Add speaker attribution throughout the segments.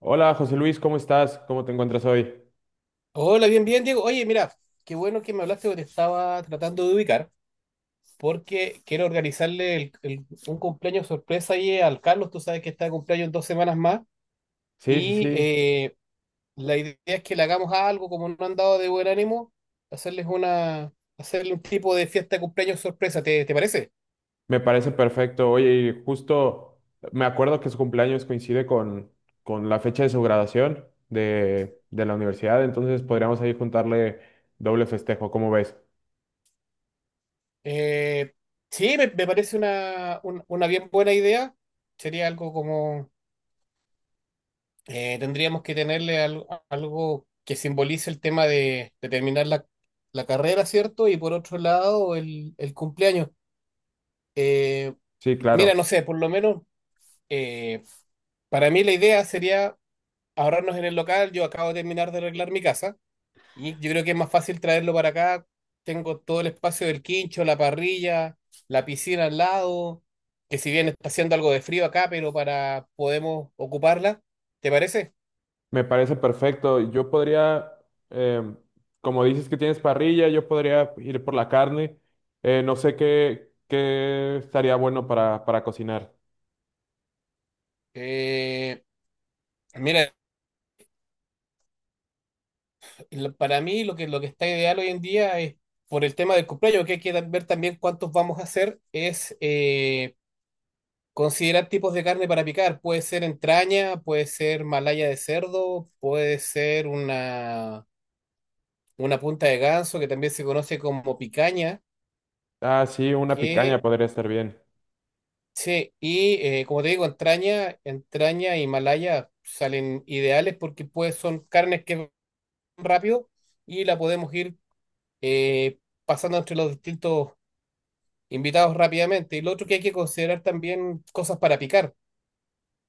Speaker 1: Hola José Luis, ¿cómo estás? ¿Cómo te encuentras hoy?
Speaker 2: Hola, bien, bien, Diego. Oye, mira, qué bueno que me hablaste porque te estaba tratando de ubicar, porque quiero organizarle un cumpleaños sorpresa ahí al Carlos. Tú sabes que está de cumpleaños en dos semanas más.
Speaker 1: Sí, sí,
Speaker 2: Y
Speaker 1: sí,
Speaker 2: eh, la idea es que le hagamos algo, como no han dado de buen ánimo, hacerle un tipo de fiesta de cumpleaños sorpresa. ¿Te parece?
Speaker 1: me parece perfecto. Oye, y justo me acuerdo que su cumpleaños coincide con la fecha de su graduación de la universidad, entonces podríamos ahí juntarle doble festejo, ¿cómo ves?
Speaker 2: Eh, sí, me parece una bien buena idea. Sería algo como tendríamos que tenerle algo que simbolice el tema de terminar la carrera, ¿cierto? Y por otro lado, el cumpleaños. Eh,
Speaker 1: Sí,
Speaker 2: mira,
Speaker 1: claro,
Speaker 2: no sé, por lo menos eh, para mí la idea sería ahorrarnos en el local. Yo acabo de terminar de arreglar mi casa y yo creo que es más fácil traerlo para acá. Tengo todo el espacio del quincho, la parrilla, la piscina al lado, que si bien está haciendo algo de frío acá, pero para podemos ocuparla. ¿Te parece?
Speaker 1: me parece perfecto. Em, Como dices que tienes parrilla, yo podría ir por la carne. No sé qué estaría bueno para cocinar.
Speaker 2: Eh, mira, para mí lo que está ideal hoy en día es, por el tema del cumpleaños, que hay que ver también cuántos vamos a hacer, es considerar tipos de carne para picar. Puede ser entraña, puede ser malaya de cerdo, puede ser una punta de ganso, que también se conoce como picaña,
Speaker 1: Ah, sí, una picaña
Speaker 2: que,
Speaker 1: podría estar bien.
Speaker 2: sí, y como te digo, entraña y malaya salen ideales porque pues son carnes que van rápido y la podemos ir eh, pasando entre los distintos invitados rápidamente. Y lo otro que hay que considerar también cosas para picar.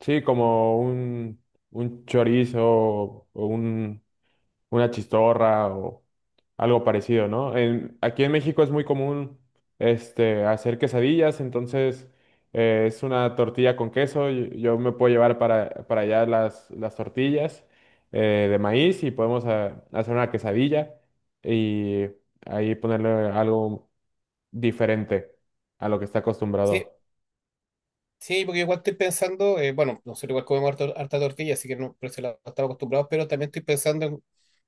Speaker 1: Sí, como un chorizo o una chistorra o algo parecido, ¿no? Aquí en México es muy común hacer quesadillas, entonces es una tortilla con queso. Me puedo llevar para allá las tortillas de maíz y podemos hacer una quesadilla y ahí ponerle algo diferente a lo que está acostumbrado.
Speaker 2: Sí, sí, porque igual estoy pensando, bueno, nosotros igual comemos harta tortilla, así que no, por eso estamos acostumbrados, pero también estoy pensando en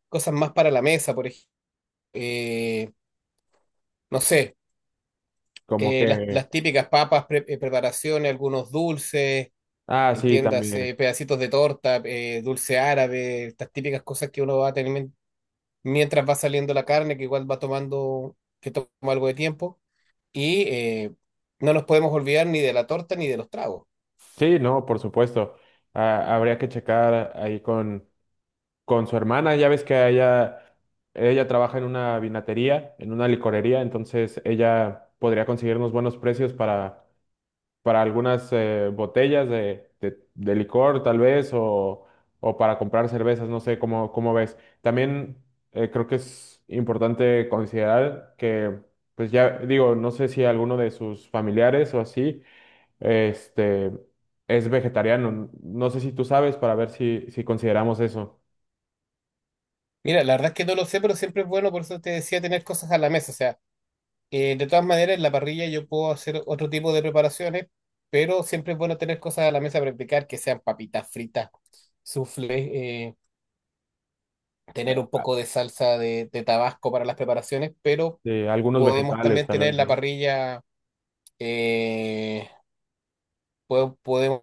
Speaker 2: cosas más para la mesa, por ejemplo. Eh, no sé,
Speaker 1: Como que,
Speaker 2: las típicas papas, preparaciones, algunos dulces,
Speaker 1: ah, sí, también.
Speaker 2: entiéndase, pedacitos de torta, dulce árabe, estas típicas cosas que uno va a tener mientras va saliendo la carne, que igual va tomando, que toma algo de tiempo. Y eh, no nos podemos olvidar ni de la torta ni de los tragos.
Speaker 1: Sí, no, por supuesto. Ah, habría que checar ahí con su hermana. Ya ves que a ella trabaja en una vinatería, en una licorería, entonces ella podría conseguirnos buenos precios para algunas botellas de licor, tal vez, o para comprar cervezas, no sé cómo ves. También creo que es importante considerar que, pues ya digo, no sé si alguno de sus familiares o así este, es vegetariano. No sé si tú sabes para ver si consideramos eso.
Speaker 2: Mira, la verdad es que no lo sé, pero siempre es bueno, por eso te decía, tener cosas a la mesa. O sea, de todas maneras, en la parrilla yo puedo hacer otro tipo de preparaciones, pero siempre es bueno tener cosas a la mesa para practicar, que sean papitas fritas, soufflé, tener un poco de salsa de Tabasco para las preparaciones, pero
Speaker 1: Algunos
Speaker 2: podemos
Speaker 1: vegetales,
Speaker 2: también
Speaker 1: tal
Speaker 2: tener
Speaker 1: vez,
Speaker 2: la
Speaker 1: ¿no?
Speaker 2: parrilla, eh, podemos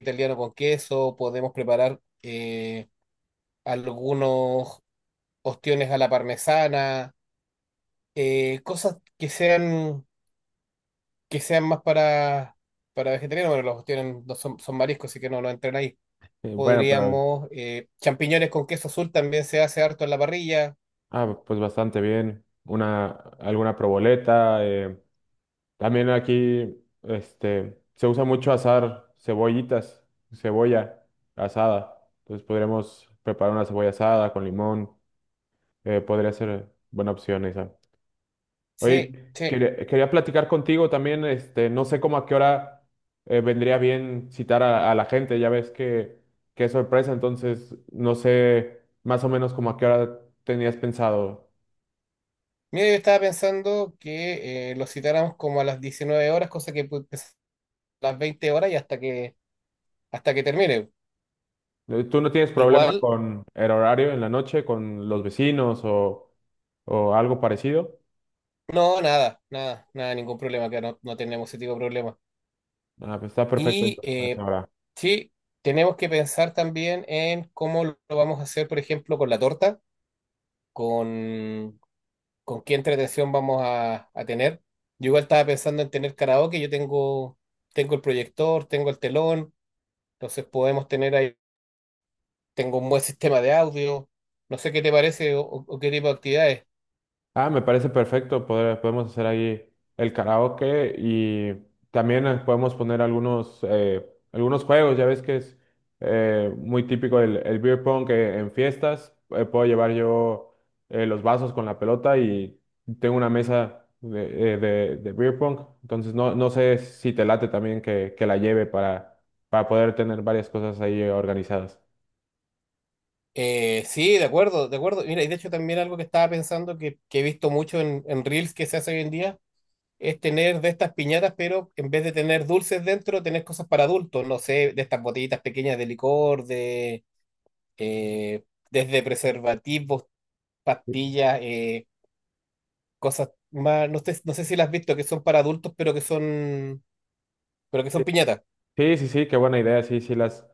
Speaker 2: italiano con queso, podemos preparar... algunos ostiones a la parmesana, cosas que sean más para vegetarianos. Bueno, los ostiones no son, son mariscos, así que no, no entran ahí.
Speaker 1: Bueno, pero
Speaker 2: Podríamos, champiñones con queso azul también se hace harto en la parrilla.
Speaker 1: ah, pues bastante bien. Alguna proboleta. También aquí se usa mucho asar cebollitas, cebolla asada. Entonces podríamos preparar una cebolla asada con limón. Podría ser buena opción esa. Oye,
Speaker 2: Sí, sí.
Speaker 1: quería platicar contigo también, no sé cómo a qué hora vendría bien citar a la gente, ya ves que es sorpresa, entonces no sé más o menos como a qué hora tenías pensado.
Speaker 2: Mira, yo estaba pensando que lo citáramos como a las 19 horas, cosa que puede empezar a las 20 horas y hasta que termine.
Speaker 1: ¿Tú no tienes problema
Speaker 2: Igual,
Speaker 1: con el horario en la noche, con los vecinos o algo parecido?
Speaker 2: no, nada, nada, nada, ningún problema, que no, no tenemos ese tipo de problema.
Speaker 1: Ah, pues está perfecto
Speaker 2: Y
Speaker 1: entonces a esa
Speaker 2: eh,
Speaker 1: hora.
Speaker 2: sí, tenemos que pensar también en cómo lo vamos a hacer, por ejemplo, con la torta, con, con qué entretención vamos a tener. Yo igual estaba pensando en tener karaoke, tengo el proyector, tengo el telón, entonces podemos tener ahí, tengo un buen sistema de audio, no sé qué te parece o, o qué tipo de actividades.
Speaker 1: Ah, me parece perfecto. Podemos hacer ahí el karaoke y también podemos poner algunos juegos. Ya ves que es muy típico el beer pong en fiestas. Puedo llevar yo los vasos con la pelota y tengo una mesa de beer pong. Entonces no, no sé si te late también que la lleve para poder tener varias cosas ahí organizadas.
Speaker 2: Sí, de acuerdo, de acuerdo. Mira, y de hecho también algo que estaba pensando que he visto mucho en Reels que se hace hoy en día es tener de estas piñatas, pero en vez de tener dulces dentro, tener cosas para adultos, no sé, de estas botellitas pequeñas de licor, de eh, desde preservativos, pastillas, cosas más, no sé, no sé si las has visto, que son para adultos, pero que son piñatas.
Speaker 1: Sí, sí, sí, qué buena idea. Sí, sí,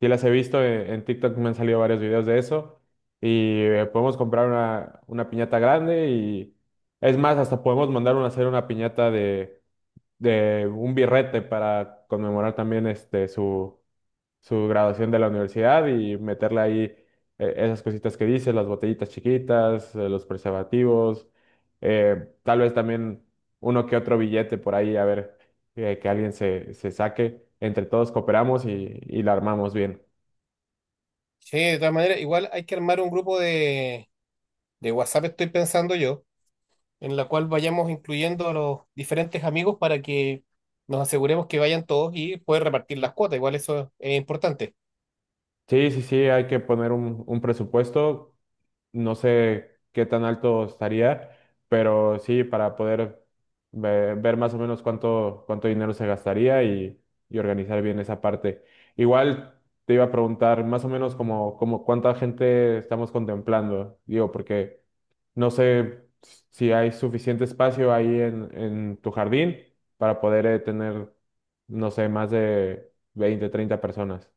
Speaker 1: sí las he visto, en TikTok me han salido varios videos de eso y podemos comprar una piñata grande y es más, hasta podemos mandar una, hacer una piñata de un birrete para conmemorar también su graduación de la universidad y meterle ahí esas cositas que dices, las botellitas chiquitas, los preservativos, tal vez también uno que otro billete por ahí, a ver, que alguien se saque, entre todos cooperamos y la armamos bien.
Speaker 2: Sí, de todas maneras, igual hay que armar un grupo de WhatsApp, estoy pensando yo, en la cual vayamos incluyendo a los diferentes amigos para que nos aseguremos que vayan todos y poder repartir las cuotas, igual eso es importante.
Speaker 1: Sí, sí, sí, hay que poner un presupuesto. No sé qué tan alto estaría, pero sí, para poder ver, más o menos cuánto dinero se gastaría y organizar bien esa parte. Igual te iba a preguntar más o menos como cuánta gente estamos contemplando, digo, porque no sé si hay suficiente espacio ahí en tu jardín para poder no sé, más de 20 o 30 personas.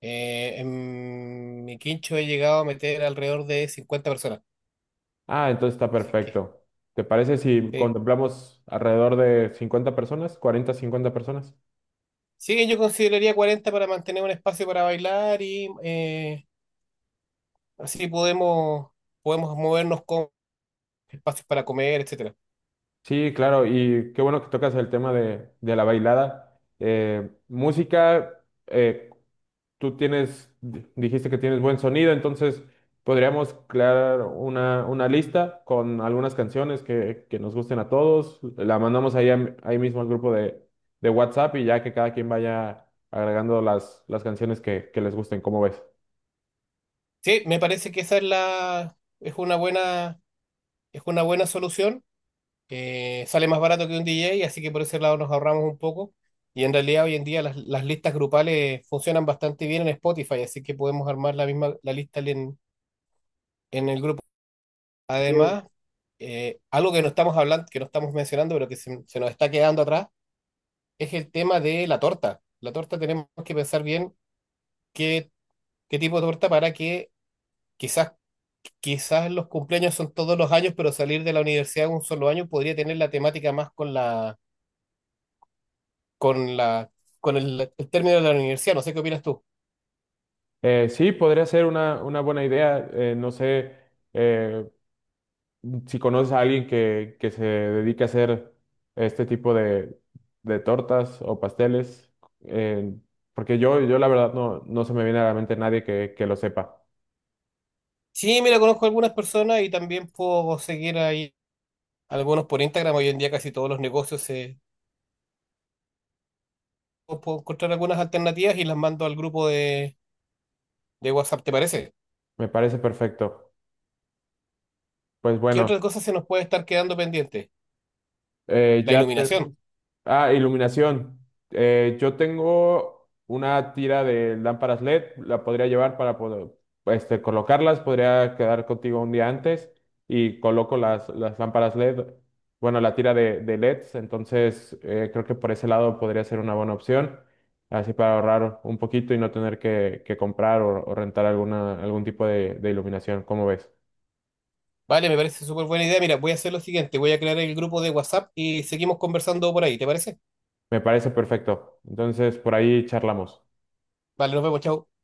Speaker 2: En mi quincho he llegado a meter alrededor de 50 personas.
Speaker 1: Ah, entonces está
Speaker 2: Así que,
Speaker 1: perfecto. ¿Te parece si
Speaker 2: eh,
Speaker 1: contemplamos alrededor de 50 personas, 40, 50 personas?
Speaker 2: sí, yo consideraría 40 para mantener un espacio para bailar y así podemos, podemos movernos con espacios para comer, etcétera.
Speaker 1: Sí, claro, y qué bueno que tocas el tema de la bailada. Música, tú tienes, dijiste que tienes buen sonido, entonces podríamos crear una lista con algunas canciones que nos gusten a todos. La mandamos ahí, ahí mismo al grupo de WhatsApp y ya que cada quien vaya agregando las canciones que les gusten, ¿cómo ves?
Speaker 2: Sí, me parece que esa es la, es una buena solución. Sale más barato que un DJ, así que por ese lado nos ahorramos un poco. Y en realidad hoy en día las listas grupales funcionan bastante bien en Spotify, así que podemos armar la misma la lista en el grupo.
Speaker 1: Sí.
Speaker 2: Además, algo que no estamos hablando, que no estamos mencionando, pero que se nos está quedando atrás, es el tema de la torta. La torta tenemos que pensar bien qué, qué tipo de torta para que quizás, quizás los cumpleaños son todos los años, pero salir de la universidad un solo año podría tener la temática más con con la, con el término de la universidad. No sé qué opinas tú.
Speaker 1: Sí, podría ser una buena idea. No sé eh, si conoces a alguien que se dedique a hacer este tipo de tortas o pasteles, eh, porque yo la verdad no, no se me viene a la mente nadie que lo sepa.
Speaker 2: Sí, mira, conozco algunas personas y también puedo seguir ahí algunos por Instagram. Hoy en día casi todos los negocios se... Puedo encontrar algunas alternativas y las mando al grupo de WhatsApp, ¿te parece?
Speaker 1: Me parece perfecto. Pues
Speaker 2: ¿Qué
Speaker 1: bueno,
Speaker 2: otra cosa se nos puede estar quedando pendiente? La
Speaker 1: ya te
Speaker 2: iluminación.
Speaker 1: ah, iluminación. Yo tengo una tira de lámparas LED, la podría llevar para poder colocarlas, podría quedar contigo un día antes y coloco las lámparas LED, bueno, la tira de LEDs, entonces creo que por ese lado podría ser una buena opción, así para ahorrar un poquito y no tener que comprar o rentar alguna, algún tipo de iluminación, ¿cómo ves?
Speaker 2: Vale, me parece súper buena idea. Mira, voy a hacer lo siguiente, voy a crear el grupo de WhatsApp y seguimos conversando por ahí, ¿te parece?
Speaker 1: Me parece perfecto. Entonces por ahí charlamos.
Speaker 2: Vale, nos vemos, chao.